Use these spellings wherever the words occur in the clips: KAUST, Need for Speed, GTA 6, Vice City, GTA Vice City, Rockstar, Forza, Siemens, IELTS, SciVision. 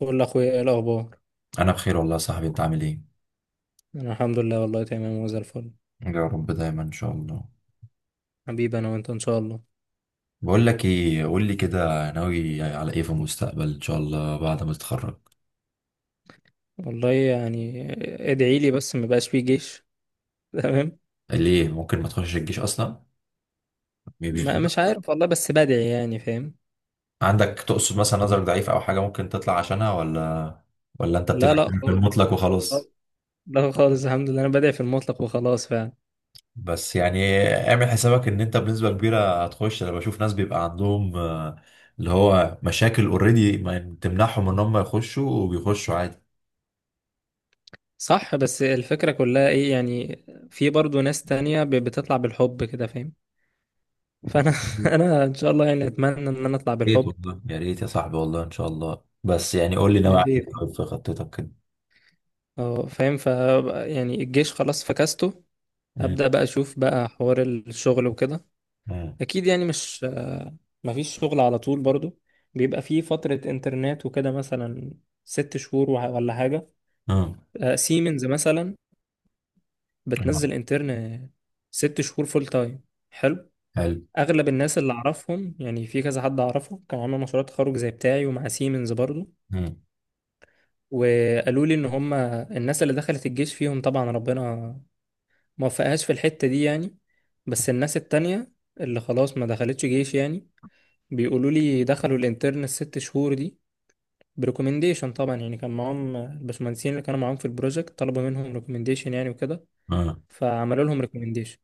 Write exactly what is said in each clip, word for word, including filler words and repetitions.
بقول لاخويا ايه الاخبار. انا بخير والله يا صاحبي، انت عامل ايه؟ انا الحمد لله والله تمام وزي الفل. يا رب دايما ان شاء الله. حبيبي انا وانت ان شاء الله. بقول لك ايه، قول لي كده، ناوي على ايه في المستقبل ان شاء الله بعد ما تتخرج؟ والله يعني ادعي لي بس ما بقاش فيه جيش. تمام. ليه ممكن ما تخشش الجيش اصلا؟ مش ما مش عارف والله بس بدعي يعني فاهم. عندك تقصد مثلا نظرك ضعيف او حاجه ممكن تطلع عشانها، ولا ولا انت لا بتدعي لا في خالص. المطلق وخلاص؟ لا خالص الحمد لله انا بدعي في المطلق وخلاص فعلا. بس يعني اعمل حسابك ان انت بنسبه كبيره هتخش. انا بشوف ناس بيبقى عندهم آه، اللي هو مشاكل اوريدي ما تمنعهم ان هم يخشوا، وبيخشوا صح بس الفكرة كلها ايه يعني. في برضو ناس تانية ب- بتطلع بالحب كده فاهم. فانا عادي. انا ان شاء الله يعني اتمنى ان انا اطلع ريت بالحب. والله، يا ريت يا صاحبي والله ان شاء الله. بس يعني قول لي ناوي يا على ايه ريت. طيب في خطتك كده؟ اه فاهم ف يعني الجيش خلاص فكسته. مم. ابدا بقى اشوف بقى حوار الشغل وكده. مم. اكيد يعني مش آه، مفيش شغل على طول برضو. بيبقى فيه فترة انترنت وكده مثلا. ست شهور وح- ولا حاجة. مم. آه، سيمنز مثلا مم. بتنزل انترن ست شهور فول تايم. حلو. حلو. اغلب الناس اللي اعرفهم يعني في كذا حد اعرفه كان عامل مشروع تخرج زي بتاعي ومع سيمنز برضو. مم. وقالوا لي ان هم الناس اللي دخلت الجيش فيهم طبعا ربنا موفقهاش في الحتة دي يعني. بس الناس التانية اللي خلاص ما دخلتش جيش يعني بيقولوا لي دخلوا الانترن الست شهور دي بريكومنديشن طبعا يعني. كان معاهم الباشمهندسين اللي كانوا معاهم في البروجكت طلبوا منهم ريكومنديشن يعني وكده. مم. فعملوا لهم ريكومنديشن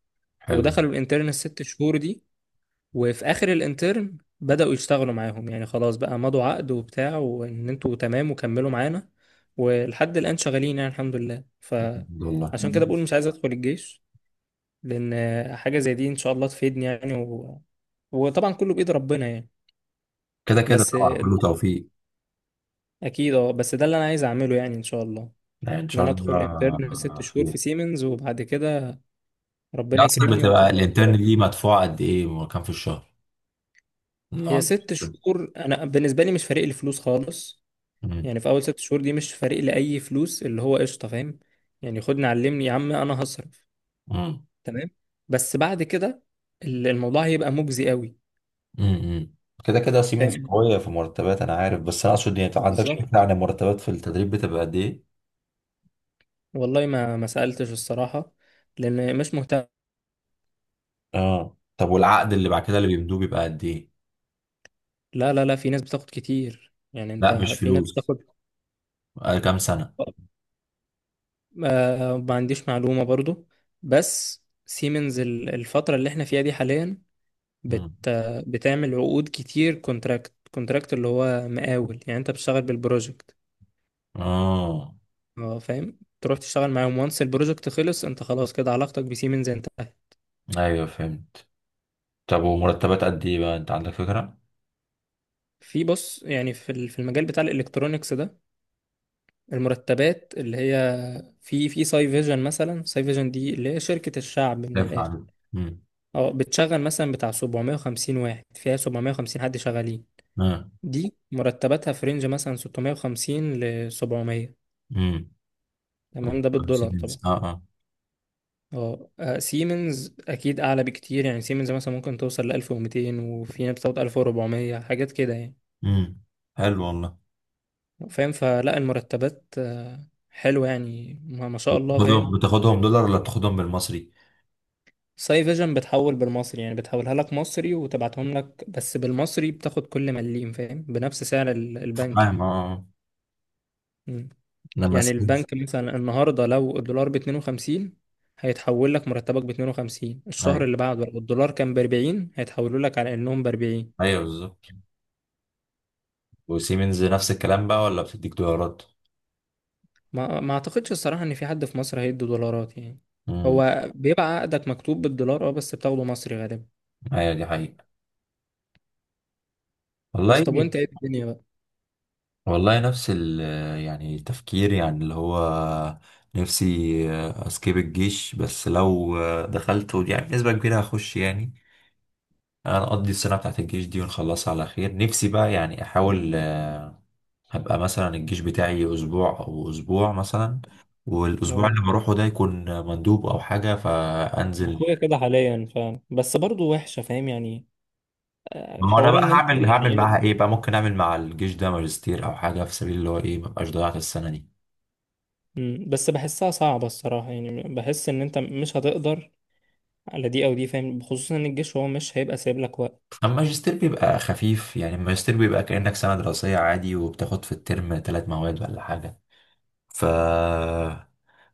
حلو ودخلوا الانترن الست شهور دي. وفي اخر الانترن بدأوا يشتغلوا معاهم يعني خلاص بقى مضوا عقد وبتاع وان انتوا تمام وكملوا معانا. ولحد الآن شغالين يعني الحمد لله. والله. فعشان مم. كده بقول مش عايز ادخل الجيش لان حاجه زي دي ان شاء الله تفيدني يعني و... وطبعا كله بايد ربنا يعني. كده كده بس طبعا كله توفيق. اكيد اه بس ده اللي انا عايز اعمله يعني ان شاء الله. يعني ان ان شاء انا ادخل انترن ست الله شهور خير. في سيمنز وبعد كده هي ربنا اصلا يكرمني بتبقى واكمل الانترن شغل دي يعني. مدفوعه قد ايه، كام في الشهر لو هي عندك؟ ست خبرة. شهور انا بالنسبه لي مش فارق لي فلوس خالص. مم. يعني في اول ست شهور دي مش فارق لي اي فلوس اللي هو قشطه فاهم. يعني خدني علمني يا عم انا هصرف. مم. تمام. بس بعد كده ال- الموضوع هيبقى مجزي قوي. مم. كده كده سيمنز فاهم قويه في مرتبات انا عارف، بس انا اقصد يعني ما عندكش فكره بالظبط. عن المرتبات في التدريب بتبقى قد ايه؟ والله ما ما سألتش الصراحة لأن مش مهتم. اه طب، والعقد اللي بعد كده اللي بيمدوه بيبقى قد ايه؟ لا لا لا في ناس بتاخد كتير يعني أنت لا، مش في ناس فلوس، بتاخد. آه، كام سنة؟ آه ما عنديش معلومة برضو. بس سيمنز ال- الفترة اللي احنا فيها دي حاليا بت مم. آه، بتعمل عقود كتير كونتراكت كونتراكت اللي هو مقاول يعني أنت بتشتغل بالبروجكت. اه. اه فاهم تروح تشتغل معاهم وانس البروجكت خلص انت خلاص كده علاقتك بسيمنز انتهت. ايوه فهمت. طب ومرتبات قد ايه بقى، انت عندك فكرة؟ في بص يعني في ال- في المجال بتاع الالكترونيكس ده المرتبات اللي هي في في ساي فيجن مثلا. ساي فيجن دي اللي هي شركة الشعب من دافع الآخر. عليه. امم. اه بتشغل مثلا بتاع سبعمائة واحد فيها سبعمائة حد شغالين. اه. دي مرتباتها في رينج مثلا ستمائة وخمسين ل سبعمائة. امم. طب تمام ده بالدولار خمسين. طبعا. اه اه. اه آه، سيمنز اكيد اعلى بكتير يعني سيمنز مثلا ممكن توصل ل الف ومتين وفي ناس بتاخد الف واربعمية حاجات كده يعني. امم. حلو والله. فاهم فلا المرتبات آه، حلوة يعني ما ما شاء الله فاهم. بتاخدهم بتاخدهم دولار ولا بتاخدهم بالمصري؟ ساي فيجن بتحول بالمصري يعني بتحولها لك مصري وتبعتهم لك بس بالمصري بتاخد كل مليم فاهم بنفس سعر ال- البنك فاهم. يعني. اه. آه. مم. لما يعني سيمنز. البنك مثلا النهارده لو الدولار ب اتنين وخمسين هيتحول لك مرتبك ب اتنين وخمسين. الشهر ايوه. اللي بعده لو الدولار كان ب اربعين هيتحولوا لك على انهم ب اربعين. ايوه بالظبط. وسيمنز نفس الكلام بقى ولا بتديك دولارات؟ ما ما اعتقدش الصراحه ان في حد في مصر هيدي دولارات يعني. امم. هو بيبقى عقدك مكتوب بالدولار اه بس بتاخده مصري غالبا. ايوه دي حقيقة. بس والله. طب وانت ايه الدنيا بقى. والله نفس ال... يعني التفكير يعني اللي هو نفسي اسكيب الجيش، بس لو دخلته يعني بنسبة كبيرة هخش يعني. انا اقضي السنة بتاعت الجيش دي ونخلصها على خير، نفسي بقى يعني احاول آه، هبقى مثلا الجيش بتاعي اسبوع او اسبوع مثلا، والاسبوع اه اللي بروحه ده يكون مندوب او حاجة فانزل. اخويا كده حاليا فاهم بس برضه وحشه فاهم يعني. ما هو انا حوار بقى ان انت هعمل هعمل يعني معاها ايه بقى، ممكن اعمل مع الجيش ده ماجستير او حاجة في سبيل اللي هو ايه مبقاش ضيعت السنة دي. مم، بس بحسها صعبة الصراحة يعني بحس ان انت مش هتقدر على دي او دي فاهم خصوصا ان الجيش هو مش هيبقى سايب لك وقت. اما الماجستير بيبقى خفيف يعني، الماجستير بيبقى كأنك سنة دراسية عادي وبتاخد في الترم ثلاث مواد ولا حاجة. ف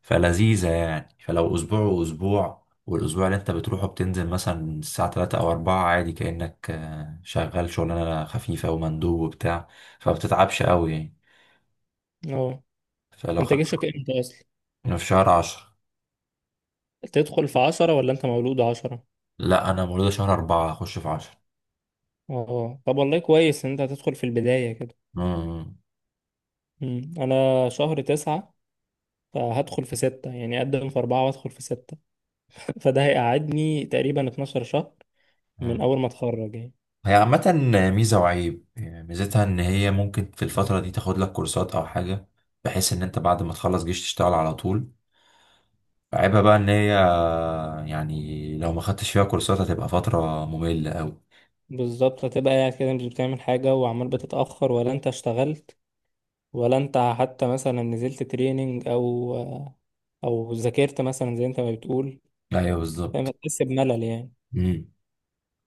فلذيذة يعني. فلو أسبوع وأسبوع، والأسبوع اللي أنت بتروحه بتنزل مثلا الساعة تلاتة أو أربعة، عادي كأنك آه، شغال شغلانة خفيفة ومندوب وبتاع، فبتتعبش قوي يعني. اه فلو خ... انت جيشك امتى اصلا. في شهر عشرة. تدخل في عشرة ولا انت مولود عشرة. لا، أنا مولودة شهر أربعة، أخش في عشرة. اه طب والله كويس ان انت هتدخل في البداية كده. مم، انا شهر تسعة فهدخل في ستة يعني اقدم في اربعة وادخل في ستة. فده هيقعدني تقريبا اتناشر شهر من مم. اول ما اتخرج يعني. هي عامة ميزة وعيب يعني. ميزتها إن هي ممكن في الفترة دي تاخد لك كورسات أو حاجة، بحيث إن أنت بعد ما تخلص جيش تشتغل على طول. عيبها بقى إن هي يعني لو ما خدتش فيها كورسات هتبقى فترة مملة أوي. بالظبط هتبقى قاعد كده مش بتعمل حاجة وعمال بتتأخر ولا انت اشتغلت ولا انت حتى مثلا نزلت تريننج او او ذاكرت مثلا زي انت ما بتقول. أيوه فاهم بالظبط. هتحس بملل يعني. امم.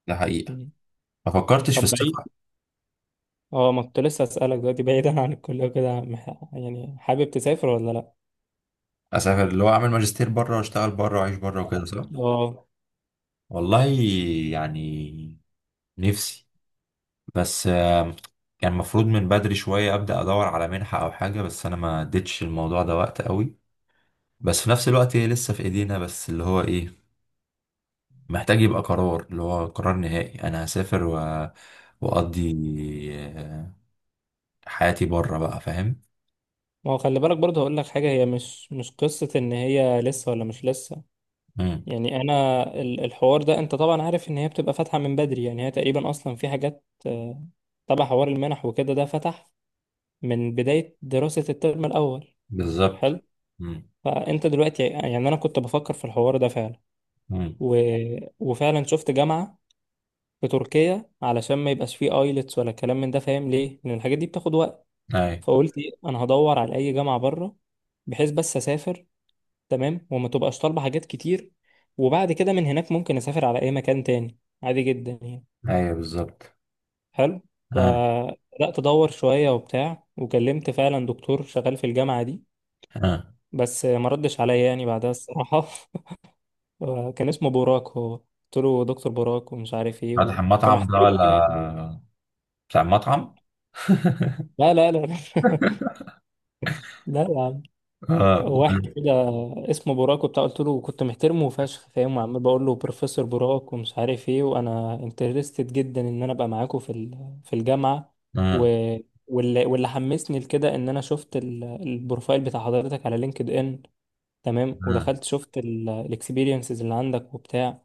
ده حقيقة. مم. ما فكرتش في طب بعيد. السفر؟ اه ما كنت لسه اسالك دلوقتي بعيدا عن الكليه وكده مح- يعني حابب تسافر ولا لا. أسافر اللي هو أعمل ماجستير بره وأشتغل بره وأعيش بره وكده صح؟ اه والله يعني نفسي، بس آم، كان المفروض من بدري شوية أبدأ أدور على منحة أو حاجة، بس أنا ما اديتش الموضوع ده وقت أوي. بس في نفس الوقت هي لسه في ايدينا، بس اللي هو ايه محتاج يبقى قرار، اللي هو قرار نهائي انا هسافر و... واقضي آه، حياتي بره بقى، فاهم. ما هو خلي بالك برضه هقول لك حاجه هي مش مش قصه ان هي لسه ولا مش لسه. امم. يعني انا ال- الحوار ده انت طبعا عارف ان هي بتبقى فاتحه من بدري يعني هي تقريبا اصلا في حاجات آه، تبع حوار المنح وكده ده فتح من بدايه دراسه الترم الاول. بالظبط. حلو. امم. فانت دلوقتي يعني انا كنت بفكر في الحوار ده فعلا امم. و... وفعلا شفت جامعه في تركيا علشان ما يبقاش فيه ايلتس ولا كلام من ده فاهم ليه لان الحاجات دي بتاخد وقت. اي. فقلت إيه، انا هدور على اي جامعه بره بحيث بس اسافر تمام وما تبقاش طالبه حاجات كتير. وبعد كده من هناك ممكن اسافر على اي مكان تاني عادي جدا يعني. اي بالظبط. حلو. اه. فبدات ادور شويه وبتاع وكلمت فعلا دكتور شغال في الجامعه دي. اه. بس ما ردش عليا يعني بعدها الصراحه آه، كان اسمه بوراك. هو قلت له دكتور بوراك ومش عارف ايه فاتح وكنت المطعم ده محترمه ولا جدا. بتاع المطعم؟ لا لا لا لا لا يا عم. اه. واحد كده اسمه بوراك وبتاع. قلت له كنت محترمه فشخ فاهم وعمال بقول له بروفيسور بوراك ومش عارف ايه وانا انترستد جدا ان انا ابقى معاكم في ال- في الجامعه. و اه. واللي واللي حمسني لكده ان انا شفت ال- البروفايل بتاع حضرتك على لينكد ان. تمام اه. ودخلت شفت الاكسبيرينسز اللي عندك وبتاع.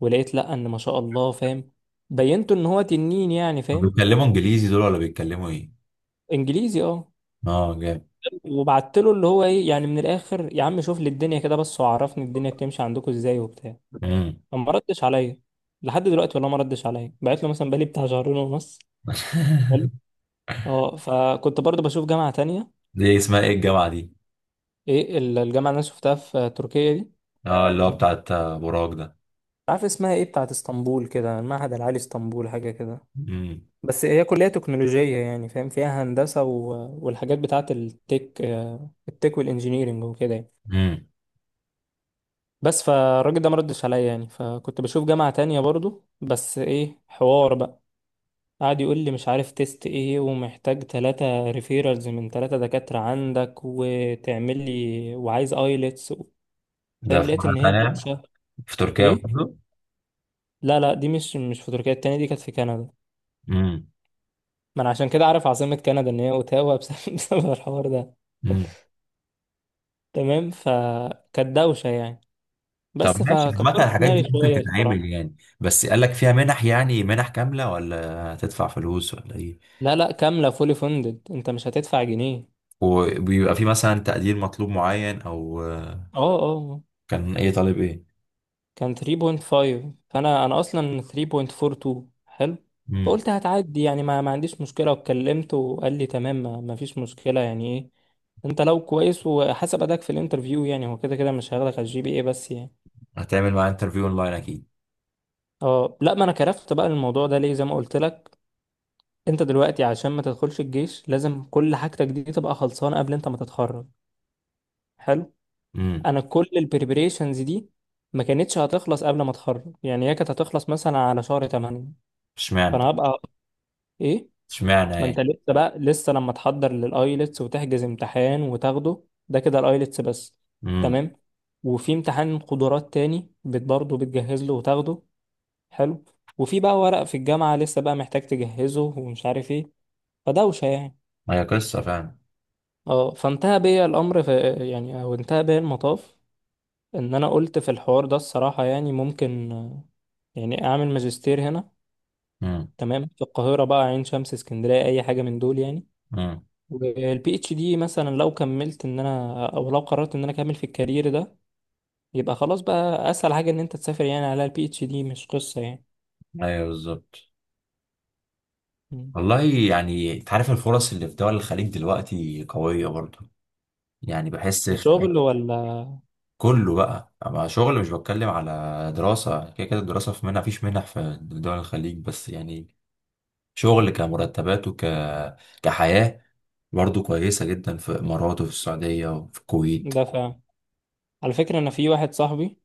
ولقيت لا ان ما شاء الله فاهم بينته ان هو تنين يعني فاهم. بيتكلموا انجليزي دول ولا بيتكلموا ايه؟ انجليزي اه. اه جامد. وبعت له اللي هو ايه يعني من الاخر يا عم شوف لي الدنيا كده بس وعرفني الدنيا بتمشي عندكم ازاي وبتاع. امم. فما ردش عليا لحد دلوقتي والله ما ردش عليا بعت له مثلا بقالي بتاع شهرين ونص. حلو. اه فكنت برضه بشوف جامعة تانية. دي اسمها ايه الجامعة دي؟ ايه ال- الجامعة اللي انا شفتها في تركيا دي اه، اللي هو بتاعت آه، براك ده. عارف اسمها ايه. بتاعت اسطنبول كده المعهد العالي اسطنبول حاجة كده. امم. بس هي كلية تكنولوجية يعني فاهم فيها هندسة و... والحاجات بتاعة التك آه، التك والانجينيرينج وكده يعني. امم. بس فالراجل ده ما ردش عليا يعني فكنت بشوف جامعة تانية برضو بس ايه حوار بقى. قعد يقول لي مش عارف تيست ايه ومحتاج تلاتة ريفيرالز من تلاتة دكاترة عندك وتعمل لي وعايز ايلتس و... ده فاهم في لقيت مرة ان هي تانية؟ دوشة. في تركيا ايه برضه؟ لا لا دي مش مش في تركيا. التانية دي كانت في كندا. امم. ما انا عشان كده عارف عاصمة كندا ان هي اوتاوا بسبب بسبب الحوار ده. امم. تمام فكانت دوشة يعني طب بس ماشي. عامة فكبرت الحاجات دماغي دي ممكن شوية تتعمل الصراحة. يعني، بس قال لك فيها منح يعني، منح كاملة ولا هتدفع فلوس ولا ايه؟ لا لا كاملة فولي فندد انت مش هتدفع جنيه. وبيبقى في مثلا تقدير مطلوب معين او آه، اه اه اه. كان ايه طالب ايه؟ كان تلاتة فاصلة خمسة فانا انا اصلا تلاتة فاصلة اتنين واربعين. حلو. امم. فقلت هتعدي يعني ما, ما عنديش مشكلة وكلمته وقال لي تمام ما, ما فيش مشكلة يعني ايه. انت لو كويس وحسب اداك في الانترفيو يعني هو كده كده مش هياخدك على الجي بي اي بس يعني. هتعمل معاه انترفيو اونلاين اكيد؟ اه لا ما انا كرفت بقى الموضوع ده ليه زي ما قلت لك. انت دلوقتي عشان ما تدخلش الجيش لازم كل حاجتك دي تبقى خلصانه قبل انت ما تتخرج. حلو. امم. انا كل البريبريشنز دي ما كانتش هتخلص قبل ما اتخرج يعني. هي كانت هتخلص مثلا على شهر تمانية. اشمعنى؟ فانا هبقى ايه. اشمعنى ما انت يعني. لسه بقى لسه لما تحضر للايلتس وتحجز امتحان وتاخده ده كده الايلتس بس. امم. تمام. وفي امتحان قدرات تاني بت برضه بتجهز له وتاخده. حلو. وفي بقى ورق في الجامعه لسه بقى محتاج تجهزه ومش عارف ايه فدوشه يعني. هي قصة فعلا. اه فانتهى بيا الامر في يعني او انتهى بيا المطاف. ان انا قلت في الحوار ده الصراحه يعني ممكن آه، يعني اعمل ماجستير هنا. امم. تمام في القاهره بقى عين شمس اسكندريه اي حاجه من دول يعني. امم. والبي اتش دي مثلا لو كملت ان انا او لو قررت ان انا اكمل في الكارير ده يبقى خلاص بقى اسهل حاجه ان انت تسافر يعني على البي اتش دي مش قصه يعني. ايوه بالظبط. مم. والله يعني انت عارف الفرص اللي في دول الخليج دلوقتي قوية برضه. يعني بحس في... كشغل ولا. كله بقى مع شغل، مش بتكلم على دراسة. كده كده الدراسة في منح فيش منح في دول الخليج، بس يعني شغل كمرتبات وك... كحياة برضه كويسة جدا في الإمارات وفي السعودية وفي الكويت. ده فعلا. على فكره انا في واحد صاحبي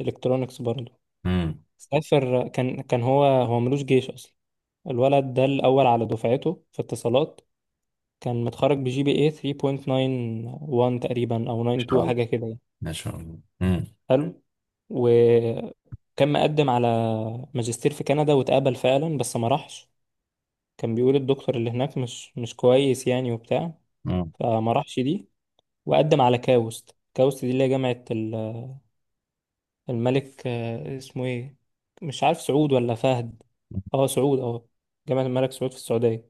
الكترونكس برضه امم. إن سافر. كان كان هو هو ملوش جيش اصلا. الولد ده الأول على دفعته في اتصالات. كان متخرج بجي بي اي تلاتة فاصلة واحد وتسعين تقريبا أو شاء اتنين وتسعين الله. حاجة كده يعني. ما شاء الله. امم. حلو. وكان مقدم على ماجستير في كندا واتقبل فعلا بس ما راحش. كان بيقول الدكتور اللي هناك مش مش كويس يعني وبتاع. امم. فما راحش دي. وقدم على كاوست. كاوست دي اللي هي جامعة ال- الملك آه، اسمه ايه مش عارف سعود ولا فهد. اه سعود اه. جامعة الملك سعود في السعودية.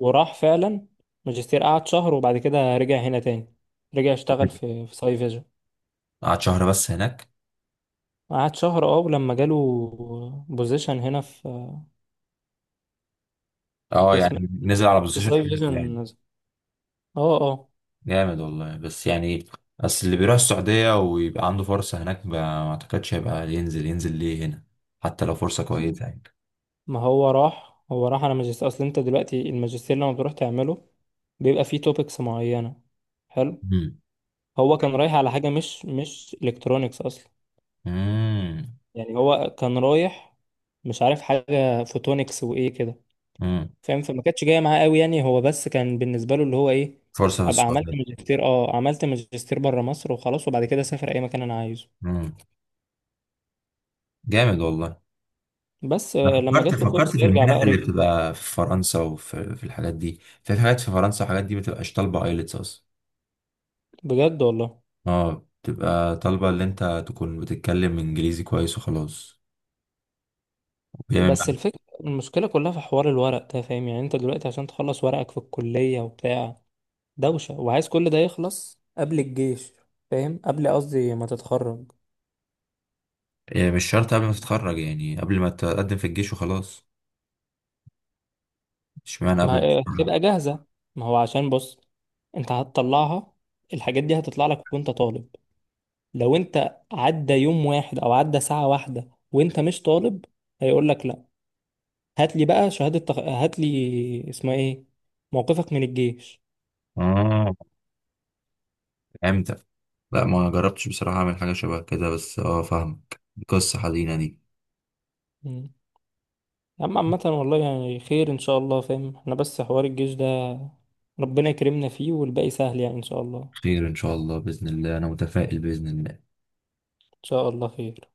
وراح فعلا ماجستير قعد شهر. وبعد كده رجع هنا تاني رجع اشتغل في في ساي فيجن. قعد شهر بس هناك؟ قعد شهر اه ولما جاله بوزيشن هنا في في اه اسم يعني نزل على في بوزيشن ساي حلو يعني. فيجن اه اه. جامد والله. بس يعني اصل اللي بيروح السعودية ويبقى عنده فرصة هناك ما ما اعتقدش هيبقى ينزل، ينزل ليه هنا حتى لو فرصة كويسة يعني. ما هو راح هو راح على ماجستير. اصل انت دلوقتي الماجستير لما بتروح تعمله بيبقى فيه توبكس معينة. حلو. امم. هو كان رايح على حاجة مش مش الكترونيكس اصلا. امم. يعني هو كان رايح مش عارف حاجة فوتونكس وايه كده أمم. فاهم. فما كانتش جايه معاه قوي يعني هو بس كان بالنسبه له اللي هو ايه. فرصة في ابقى عملت السعودية. ماجستير اه عملت ماجستير بره مصر وخلاص وبعد كده اسافر اي مكان انا عايزه. امم. جامد والله. بس انا آه، لما فكرت جات له فرصه فكرت في يرجع بقى المنح اللي رجع. بتبقى في فرنسا، وفي في الحاجات دي. في حاجات في فرنسا وحاجات دي ما بتبقاش طالبة ايلتس اصلا. بجد والله. اه، بتبقى طالبة اللي انت تكون بتتكلم انجليزي كويس وخلاص. يعني... بس الفكره المشكله كلها في حوار الورق ده فاهم يعني انت دلوقتي عشان تخلص ورقك في الكليه وبتاع دوشه وعايز كل ده يخلص قبل الجيش فاهم قبل قصدي ما تتخرج. يعني مش شرط قبل ما تتخرج، يعني قبل ما تقدم في الجيش وخلاص. اشمعنى قبل ما آه، الكورونا؟ تبقى جاهزه. ما هو عشان بص انت هتطلعها الحاجات دي هتطلع لك وانت طالب. لو انت عدى يوم واحد او عدى ساعة واحدة وانت مش طالب هيقول لك لا. هات لي بقى شهادة تخ... هات لي اسمها ايه. موقفك من الجيش. اه فهمتك. لا، ما جربتش بصراحة أعمل حاجة شبه كده، بس اه فاهمك. قصة حزينة دي. مم. يا عم عامة والله يعني خير ان شاء الله فاهم احنا بس حوار الجيش ده ربنا يكرمنا فيه والباقي سهل يعني ان شاء الله ان خير إن شاء الله بإذن الله، أنا متفائل بإذن الله. شاء الله خير